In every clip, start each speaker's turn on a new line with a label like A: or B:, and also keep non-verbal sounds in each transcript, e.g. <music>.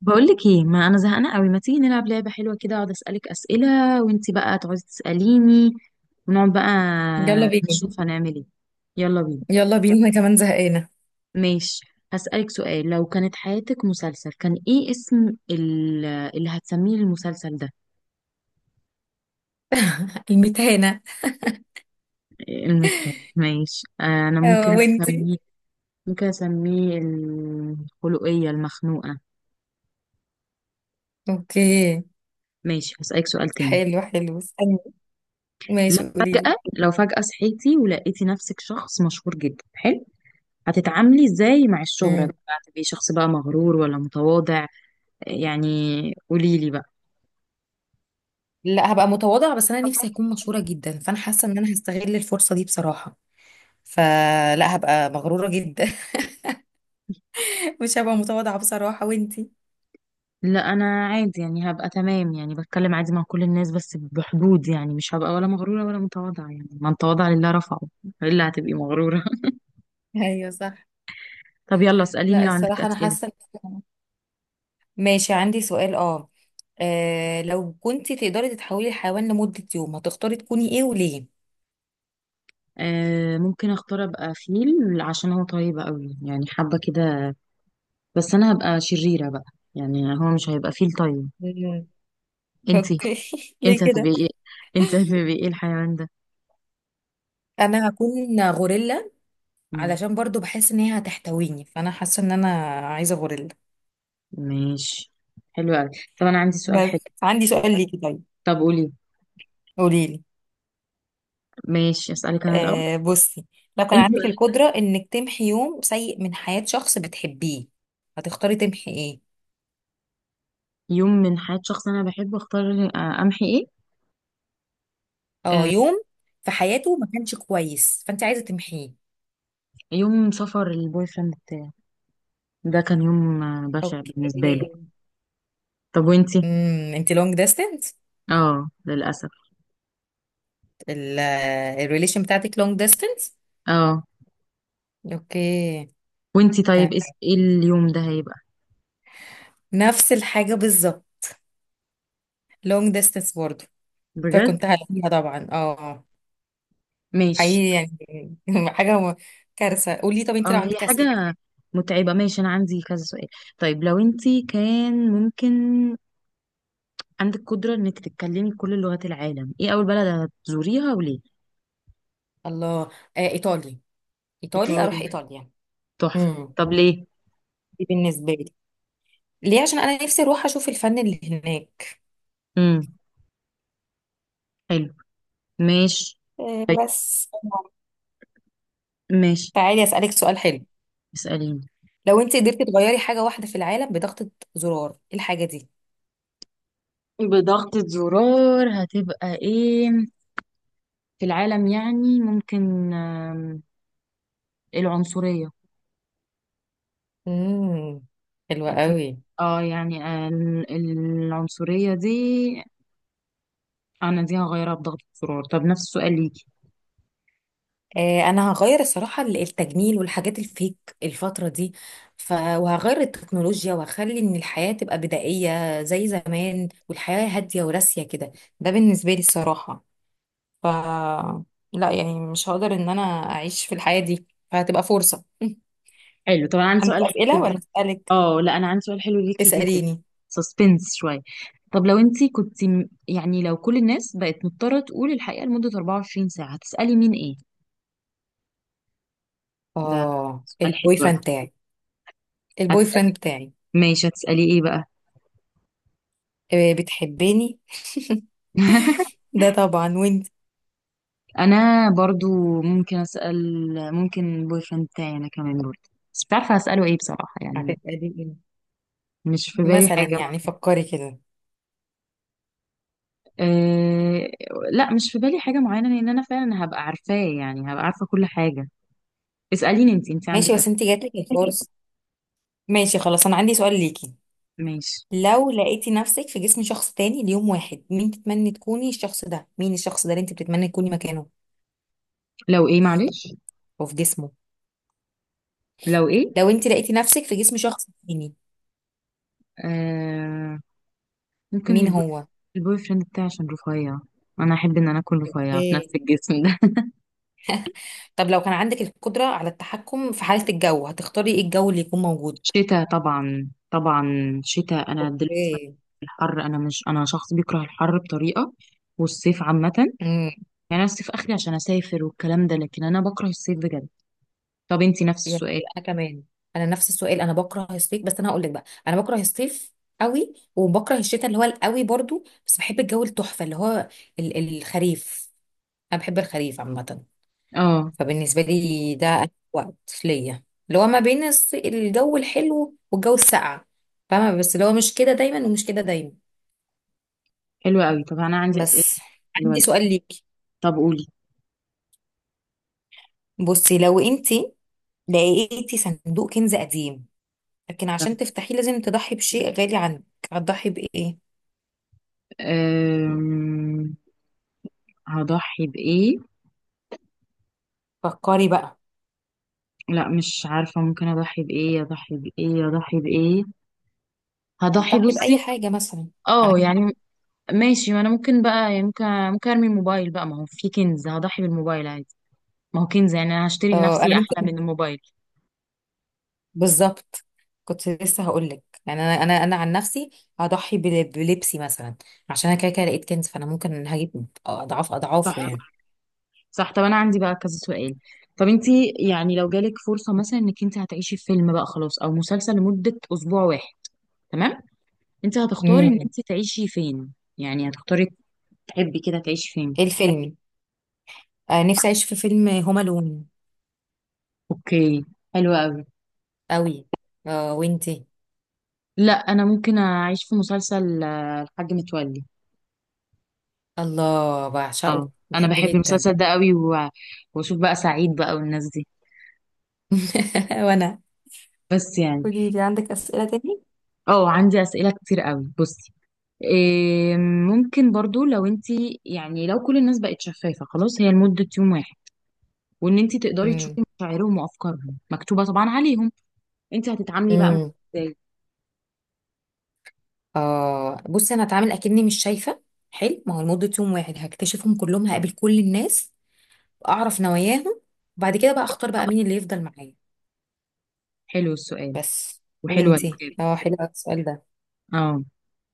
A: بقولك ايه، ما انا زهقانه قوي. ما تيجي نلعب لعبه حلوه كده، اقعد اسالك اسئله وانتي بقى تقعدي تساليني، ونقعد بقى
B: يلا بينا.
A: نشوف هنعمل ايه. يلا بينا.
B: يلا بينا، انا كمان زهقانه.
A: ماشي، هسالك سؤال. لو كانت حياتك مسلسل كان ايه اسم اللي هتسميه المسلسل ده؟
B: <laughs> المتهانة.
A: المدحت؟ ماشي، انا
B: اه،
A: ممكن
B: وانتي.
A: اسميه، ممكن اسميه الخلقيه المخنوقه.
B: اوكي.
A: ماشي، هسالك سؤال تاني.
B: حلو استني. ماشي، قولي لي.
A: لو فجاه صحيتي ولقيتي نفسك شخص مشهور جدا، حلو. هتتعاملي ازاي مع الشهرة دي
B: امم
A: بقى؟ هتبقي شخص بقى مغرور ولا متواضع؟ يعني قوليلي بقى.
B: لا، هبقى متواضعة، بس أنا نفسي أكون مشهورة جدا، فأنا حاسة إن أنا هستغل الفرصة دي بصراحة. فلا هبقى مغرورة جدا. <laughs> مش هبقى متواضعة بصراحة، وإنتي.
A: لا، انا عادي يعني، هبقى تمام يعني، بتكلم عادي مع كل الناس بس بحدود، يعني مش هبقى ولا مغرورة ولا متواضعة، يعني من تواضع لله رفعه. الا هتبقي مغرورة؟
B: ايوه صح.
A: <laughs> طب يلا اسأليني
B: لا،
A: لو عندك
B: الصراحة
A: أسئلة.
B: ماشي، عندي سؤال. لو كنتي تقدري تتحولي لحيوان لمدة يوم، هتختاري تكوني إيه وليه؟
A: آه، ممكن اختار ابقى فيل عشان هو طيب قوي، يعني حابة كده. بس انا هبقى شريرة بقى، يعني هو مش هيبقى فيل طيب.
B: مم.
A: انتي
B: اوكي. <laughs>
A: انت
B: ليه.
A: هتبقي ايه؟ انت هتبقي ايه الحيوان
B: انا هكون غوريلا
A: ده؟
B: علشان برضو بحس ان هي هتحتويني، فانا حاسه ان انا عايزه غوريلا.
A: ماشي. حلو قوي. طب انا عندي سؤال حلو.
B: بس عندي سؤال ليكي، طيب.
A: طب قولي.
B: قولي لي.
A: ماشي، اسالك انا الاول.
B: بصي، لو كان
A: انت
B: عندك القدرة انك تمحي يوم سيء من حياة شخص بتحبيه، هتختاري تمحي ايه؟
A: يوم من حياة شخص انا بحبه اختار، آه، امحي ايه؟
B: اه،
A: آه،
B: يوم في حياته ما كانش كويس، فانت عايزه تمحيه.
A: يوم سفر البوي فريند بتاعي، ده كان يوم، آه، بشع
B: اوكي.
A: بالنسبة لي. طب وانتي؟
B: انت لونج ديستنس.
A: اه، للاسف.
B: الريليشن بتاعتك لونج ديستنس.
A: اه.
B: اوكي.
A: وانتي
B: تمام.
A: طيب ايه اليوم ده هيبقى؟
B: نفس الحاجه بالظبط. لونج ديستنس برضو.
A: بجد؟
B: فكنت هلاقيها طبعا، اه.
A: ماشي.
B: حقيقي يعني، <laughs> حاجة م- كارثة. قولي، طب انت لو
A: اه، هي
B: عندك أسئلة.
A: حاجة متعبة. ماشي، انا عندي كذا سؤال. طيب، لو انتي كان ممكن عندك قدرة انك تتكلمي كل لغات العالم، ايه اول بلد هتزوريها وليه؟
B: الله. ايطالي. ايطالي، اروح
A: إيطالي،
B: ايطاليا.
A: تحفة.
B: امم
A: طب ليه؟
B: دي بالنسبة لي. ليه؟ عشان انا نفسي اروح اشوف الفن اللي هناك.
A: امم حلو، ماشي، طيب،
B: بس.
A: ماشي.
B: تعالي اسألك سؤال حلو.
A: اسأليني.
B: لو انت قدرتي تغيري حاجة واحدة في العالم بضغطة زرار، ايه الحاجة دي.
A: بضغطة زرار هتبقى ايه في العالم؟ يعني ممكن، العنصرية.
B: امم حلوة
A: دي-
B: قوي.
A: اه يعني، العنصرية دي، انا دي هغيرها بضغطة زرار. طب نفس السؤال ليكي.
B: انا هغير الصراحه التجميل والحاجات الفيك الفتره دي، وهغير التكنولوجيا، وهخلي ان الحياه تبقى بدائيه زي زمان، والحياه هاديه وراسيه كده. ده بالنسبه لي الصراحه. ف لا يعني، مش هقدر ان انا اعيش في الحياه دي، فهتبقى فرصه. <laughs>
A: حلو. طبعا عندي
B: عندك
A: سؤال حلو <laughs>
B: اسئله ولا
A: جدا.
B: اسالك.
A: اه لا، انا عندي سؤال حلو ليكي جدا.
B: اساليني.
A: سسبنس شويه. طب لو انت كنت، يعني لو كل الناس بقت مضطره تقول الحقيقه لمده 24 ساعه، هتسالي مين ايه؟ ده
B: اه،
A: سؤال حلو
B: البوي فريند
A: أوي.
B: بتاعي. البوي
A: هتسالي.
B: فريند بتاعي.
A: ماشي، هتسالي ايه بقى؟
B: بتحبيني.
A: <laughs>
B: ده طبعا، وانت.
A: انا برضو ممكن اسال، ممكن بوي فريند بتاعي انا كمان برضو، بس مش عارفه هساله ايه بصراحه يعني.
B: هتسالي ايه.
A: مش في بالي
B: مثلا
A: حاجه
B: يعني،
A: معينه.
B: فكري كده.
A: أه، لا مش في بالي حاجه معينه لان انا فعلا هبقى عارفاه، يعني هبقى عارفه كل حاجه. اسأليني انت.
B: ماشي،
A: عندك
B: بس انت
A: أسئلة؟
B: جاتلك
A: <laughs> أوكي.
B: الفرصة. ماشي، خلاص، انا عندي سؤال ليكي.
A: ماشي.
B: لو لقيتي نفسك في جسم شخص تاني ليوم واحد، مين تتمني تكوني الشخص ده، مين الشخص ده اللي انت بتتمني تكوني مكانه
A: لو ايه، معلش؟
B: او في جسمه.
A: لو ايه؟
B: لو انت لقيتي نفسك في جسم شخص تاني،
A: آه، ممكن
B: مين
A: البوي،
B: هو.
A: البوي فريند بتاعي عشان رفيع، انا احب ان انا اكون رفيع في نفس
B: اوكي.
A: الجسم ده.
B: طب لو كان عندك القدرة على التحكم في حالة الجو، هتختاري ايه الجو اللي يكون موجود.
A: <laughs> شتاء طبعا، طبعا شتاء. انا دلوقتي بكره
B: اوكي.
A: الحر، انا مش، انا شخص بيكره الحر بطريقة، والصيف عامة يعني.
B: امم
A: انا الصيف اخري عشان اسافر والكلام ده، لكن انا بكره الصيف بجد. طب انت نفس
B: يعني
A: السؤال؟
B: انا كمان. انا نفس السؤال، انا بكره الصيف، بس انا هقول لك بقى، انا بكره الصيف قوي، وبكره الشتاء اللي هو القوي برضو، بس بحب الجو التحفة اللي هو الخريف. انا بحب الخريف عامه.
A: اه،
B: فبالنسبه لي ده أحلى وقت ليا، اللي هو ما بين الجو الحلو والجو الساقع. فاهمه، بس اللي هو مش كده دايما، ومش كده دايما.
A: حلو قوي. طب انا عندي أسئلة
B: بس
A: حلوة
B: عندي
A: ليك.
B: سؤال ليكي.
A: طب قولي.
B: بصي، لو انتي لقيتي صندوق كنز قديم، لكن
A: طب،
B: عشان تفتحيه لازم تضحي بشيء غالي عندك، هتضحي بايه.
A: آه، هضحي بإيه؟
B: فكري بقى.
A: لا مش عارفة، ممكن أضحي بإيه؟ أضحي بإيه؟ أضحي بإيه؟ هضحي،
B: هتضحي
A: بصي،
B: باي حاجه مثلا
A: اه
B: عندك.
A: يعني، ماشي، ما أنا ممكن بقى، يعني ممكن، ممكن أرمي الموبايل بقى، ما هو في كنز، هضحي بالموبايل عادي، ما هو كنز، يعني أنا هشتري
B: انا
A: لنفسي أحلى
B: ممكن،
A: من الموبايل.
B: بالظبط. كنت لسه هقول لك، يعني انا عن نفسي هضحي بلبسي مثلا، عشان انا كده كده لقيت كنز، فانا ممكن هجيب اضعاف اضعافه
A: صح،
B: يعني.
A: صح. طب أنا عندي بقى كذا سؤال. طب انتي يعني لو جالك فرصة مثلا انك انت هتعيشي في فيلم بقى خلاص او مسلسل لمدة اسبوع واحد، تمام، انت هتختاري ان
B: امم
A: انت تعيشي فين؟ يعني هتختاري تحبي كده تعيشي فين؟
B: ايه الفيلم. نفسي اعيش في فيلم هوم الون.
A: اوكي، حلو قوي.
B: قوي. وانتي.
A: لا انا ممكن اعيش في مسلسل، آه، الحاج متولي.
B: الله،
A: اه،
B: بعشقه،
A: انا
B: بحبه
A: بحب
B: جدا.
A: المسلسل ده قوي، و... واشوف بقى سعيد بقى والناس دي.
B: <laughs> وانا.
A: بس يعني.
B: قولي لي، عندك أسئلة تاني؟
A: اه، عندي اسئله كتير قوي، بصي. إيه، ممكن برضو لو انتي، يعني لو كل الناس بقت شفافه خلاص هي لمده يوم واحد، وان انتي تقدري
B: امم
A: تشوفي مشاعرهم وافكارهم مكتوبه طبعا عليهم، انتي هتتعاملي بقى مع
B: امم
A: ازاي؟
B: بصي، انا هتعامل اكني مش شايفه. حلو، ما هو لمده يوم واحد هكتشفهم كلهم، هقابل كل الناس، اعرف نواياهم، وبعد كده بقى اختار بقى مين اللي يفضل معايا.
A: حلو السؤال.
B: بس.
A: وحلوه
B: وانتي،
A: الاجابه.
B: اه، حلو أوي السؤال ده.
A: اه،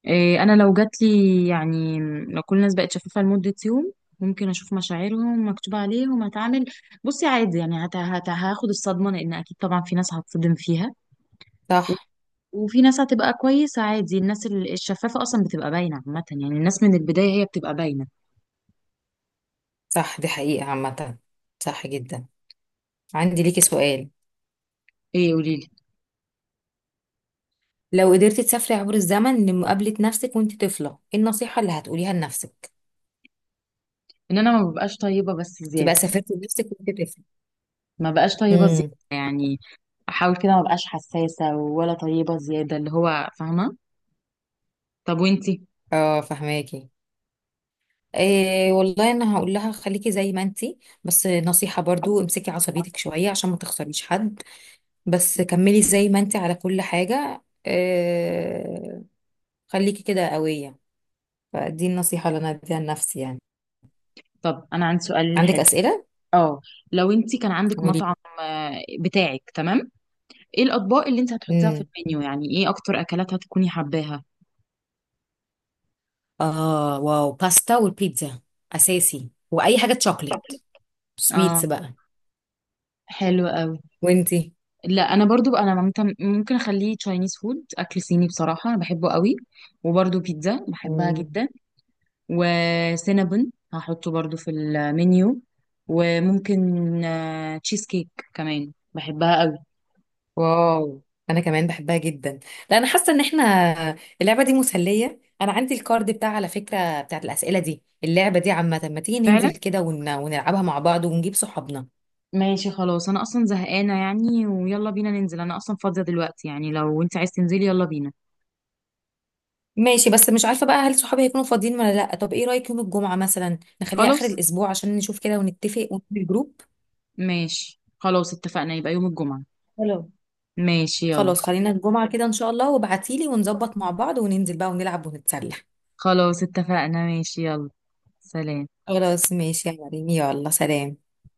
A: إيه، انا لو جات لي، يعني لو كل الناس بقت شفافه لمده يوم، ممكن اشوف مشاعرهم مكتوب عليهم، هتعامل بصي عادي يعني، هاخد الصدمه لان اكيد طبعا في ناس هتصدم فيها. و-
B: صح.
A: وفي ناس هتبقى كويسه عادي، الناس الشفافه اصلا بتبقى باينه عامه، يعني الناس من البدايه هي بتبقى باينه.
B: صح، دي حقيقة عامة. صح جدا. عندي ليكي سؤال.
A: ايه، قولي لي.
B: لو قدرتي تسافري عبر الزمن لمقابلة نفسك وانت طفلة، ايه النصيحة اللي هتقوليها لنفسك.
A: ان انا ما ببقاش طيبه بس
B: تبقى
A: زياده.
B: سافرتي لنفسك وانت طفلة.
A: ما بقاش طيبه
B: امم
A: زياده يعني، احاول كده ما بقاش حساسه ولا طيبه زياده، اللي هو فاهمه. طب وانتي؟
B: اه، فهماكي. إيه والله، انا هقول لها خليكي زي ما انتي، بس نصيحة برضو، امسكي عصبيتك شوية عشان ما تخسريش حد، بس كملي زي ما انتي على كل حاجة، إيه، خليكي كده قوية. فدي النصيحة اللي أنا أديها لنفسي يعني.
A: طب انا عندي سؤال
B: عندك
A: حلو.
B: أسئلة؟
A: اه، لو انت كان عندك
B: قولي.
A: مطعم، آه، بتاعك، تمام، ايه الاطباق اللي انت هتحطيها في
B: امم
A: المنيو؟ يعني ايه اكتر اكلات هتكوني حباها؟
B: اه، واو، باستا والبيتزا اساسي، واي حاجه تشوكلت
A: اه،
B: سويتس بقى.
A: حلو قوي.
B: وانتي.
A: لا انا برضو بقى، انا ممكن، ممكن اخليه تشاينيز فود، اكل صيني، بصراحه انا بحبه قوي. وبرضو بيتزا بحبها
B: مم.
A: جدا. وسينابون هحطه برضو في المنيو. وممكن، آه، تشيز كيك كمان بحبها قوي.
B: واو، أنا كمان بحبها جدا. لا، أنا حاسة إن إحنا اللعبة دي مسلية. أنا عندي الكارد بتاع، على فكرة، بتاعت الأسئلة دي. اللعبة دي عامة، ما تيجي
A: فعلا.
B: ننزل كده ونلعبها مع بعض ونجيب صحابنا.
A: ماشي خلاص، انا اصلا زهقانه يعني، ويلا بينا ننزل، انا اصلا فاضيه دلوقتي يعني، لو انت عايز تنزلي يلا بينا.
B: ماشي، بس مش عارفة بقى هل صحابي هيكونوا فاضيين ولا لأ. طب ايه رأيك يوم الجمعة مثلا، نخليها آخر
A: خلاص
B: الأسبوع عشان نشوف كده ونتفق ونعمل الجروب.
A: ماشي، خلاص اتفقنا، يبقى يوم الجمعه.
B: حلو.
A: ماشي، يلا.
B: خلاص، خلينا الجمعة كده إن شاء الله، وابعتيلي ونظبط مع بعض وننزل بقى ونلعب ونتسلى.
A: خلاص اتفقنا، ماشي، يلا. سلام.
B: خلاص ماشي يا مريم، يلا سلام.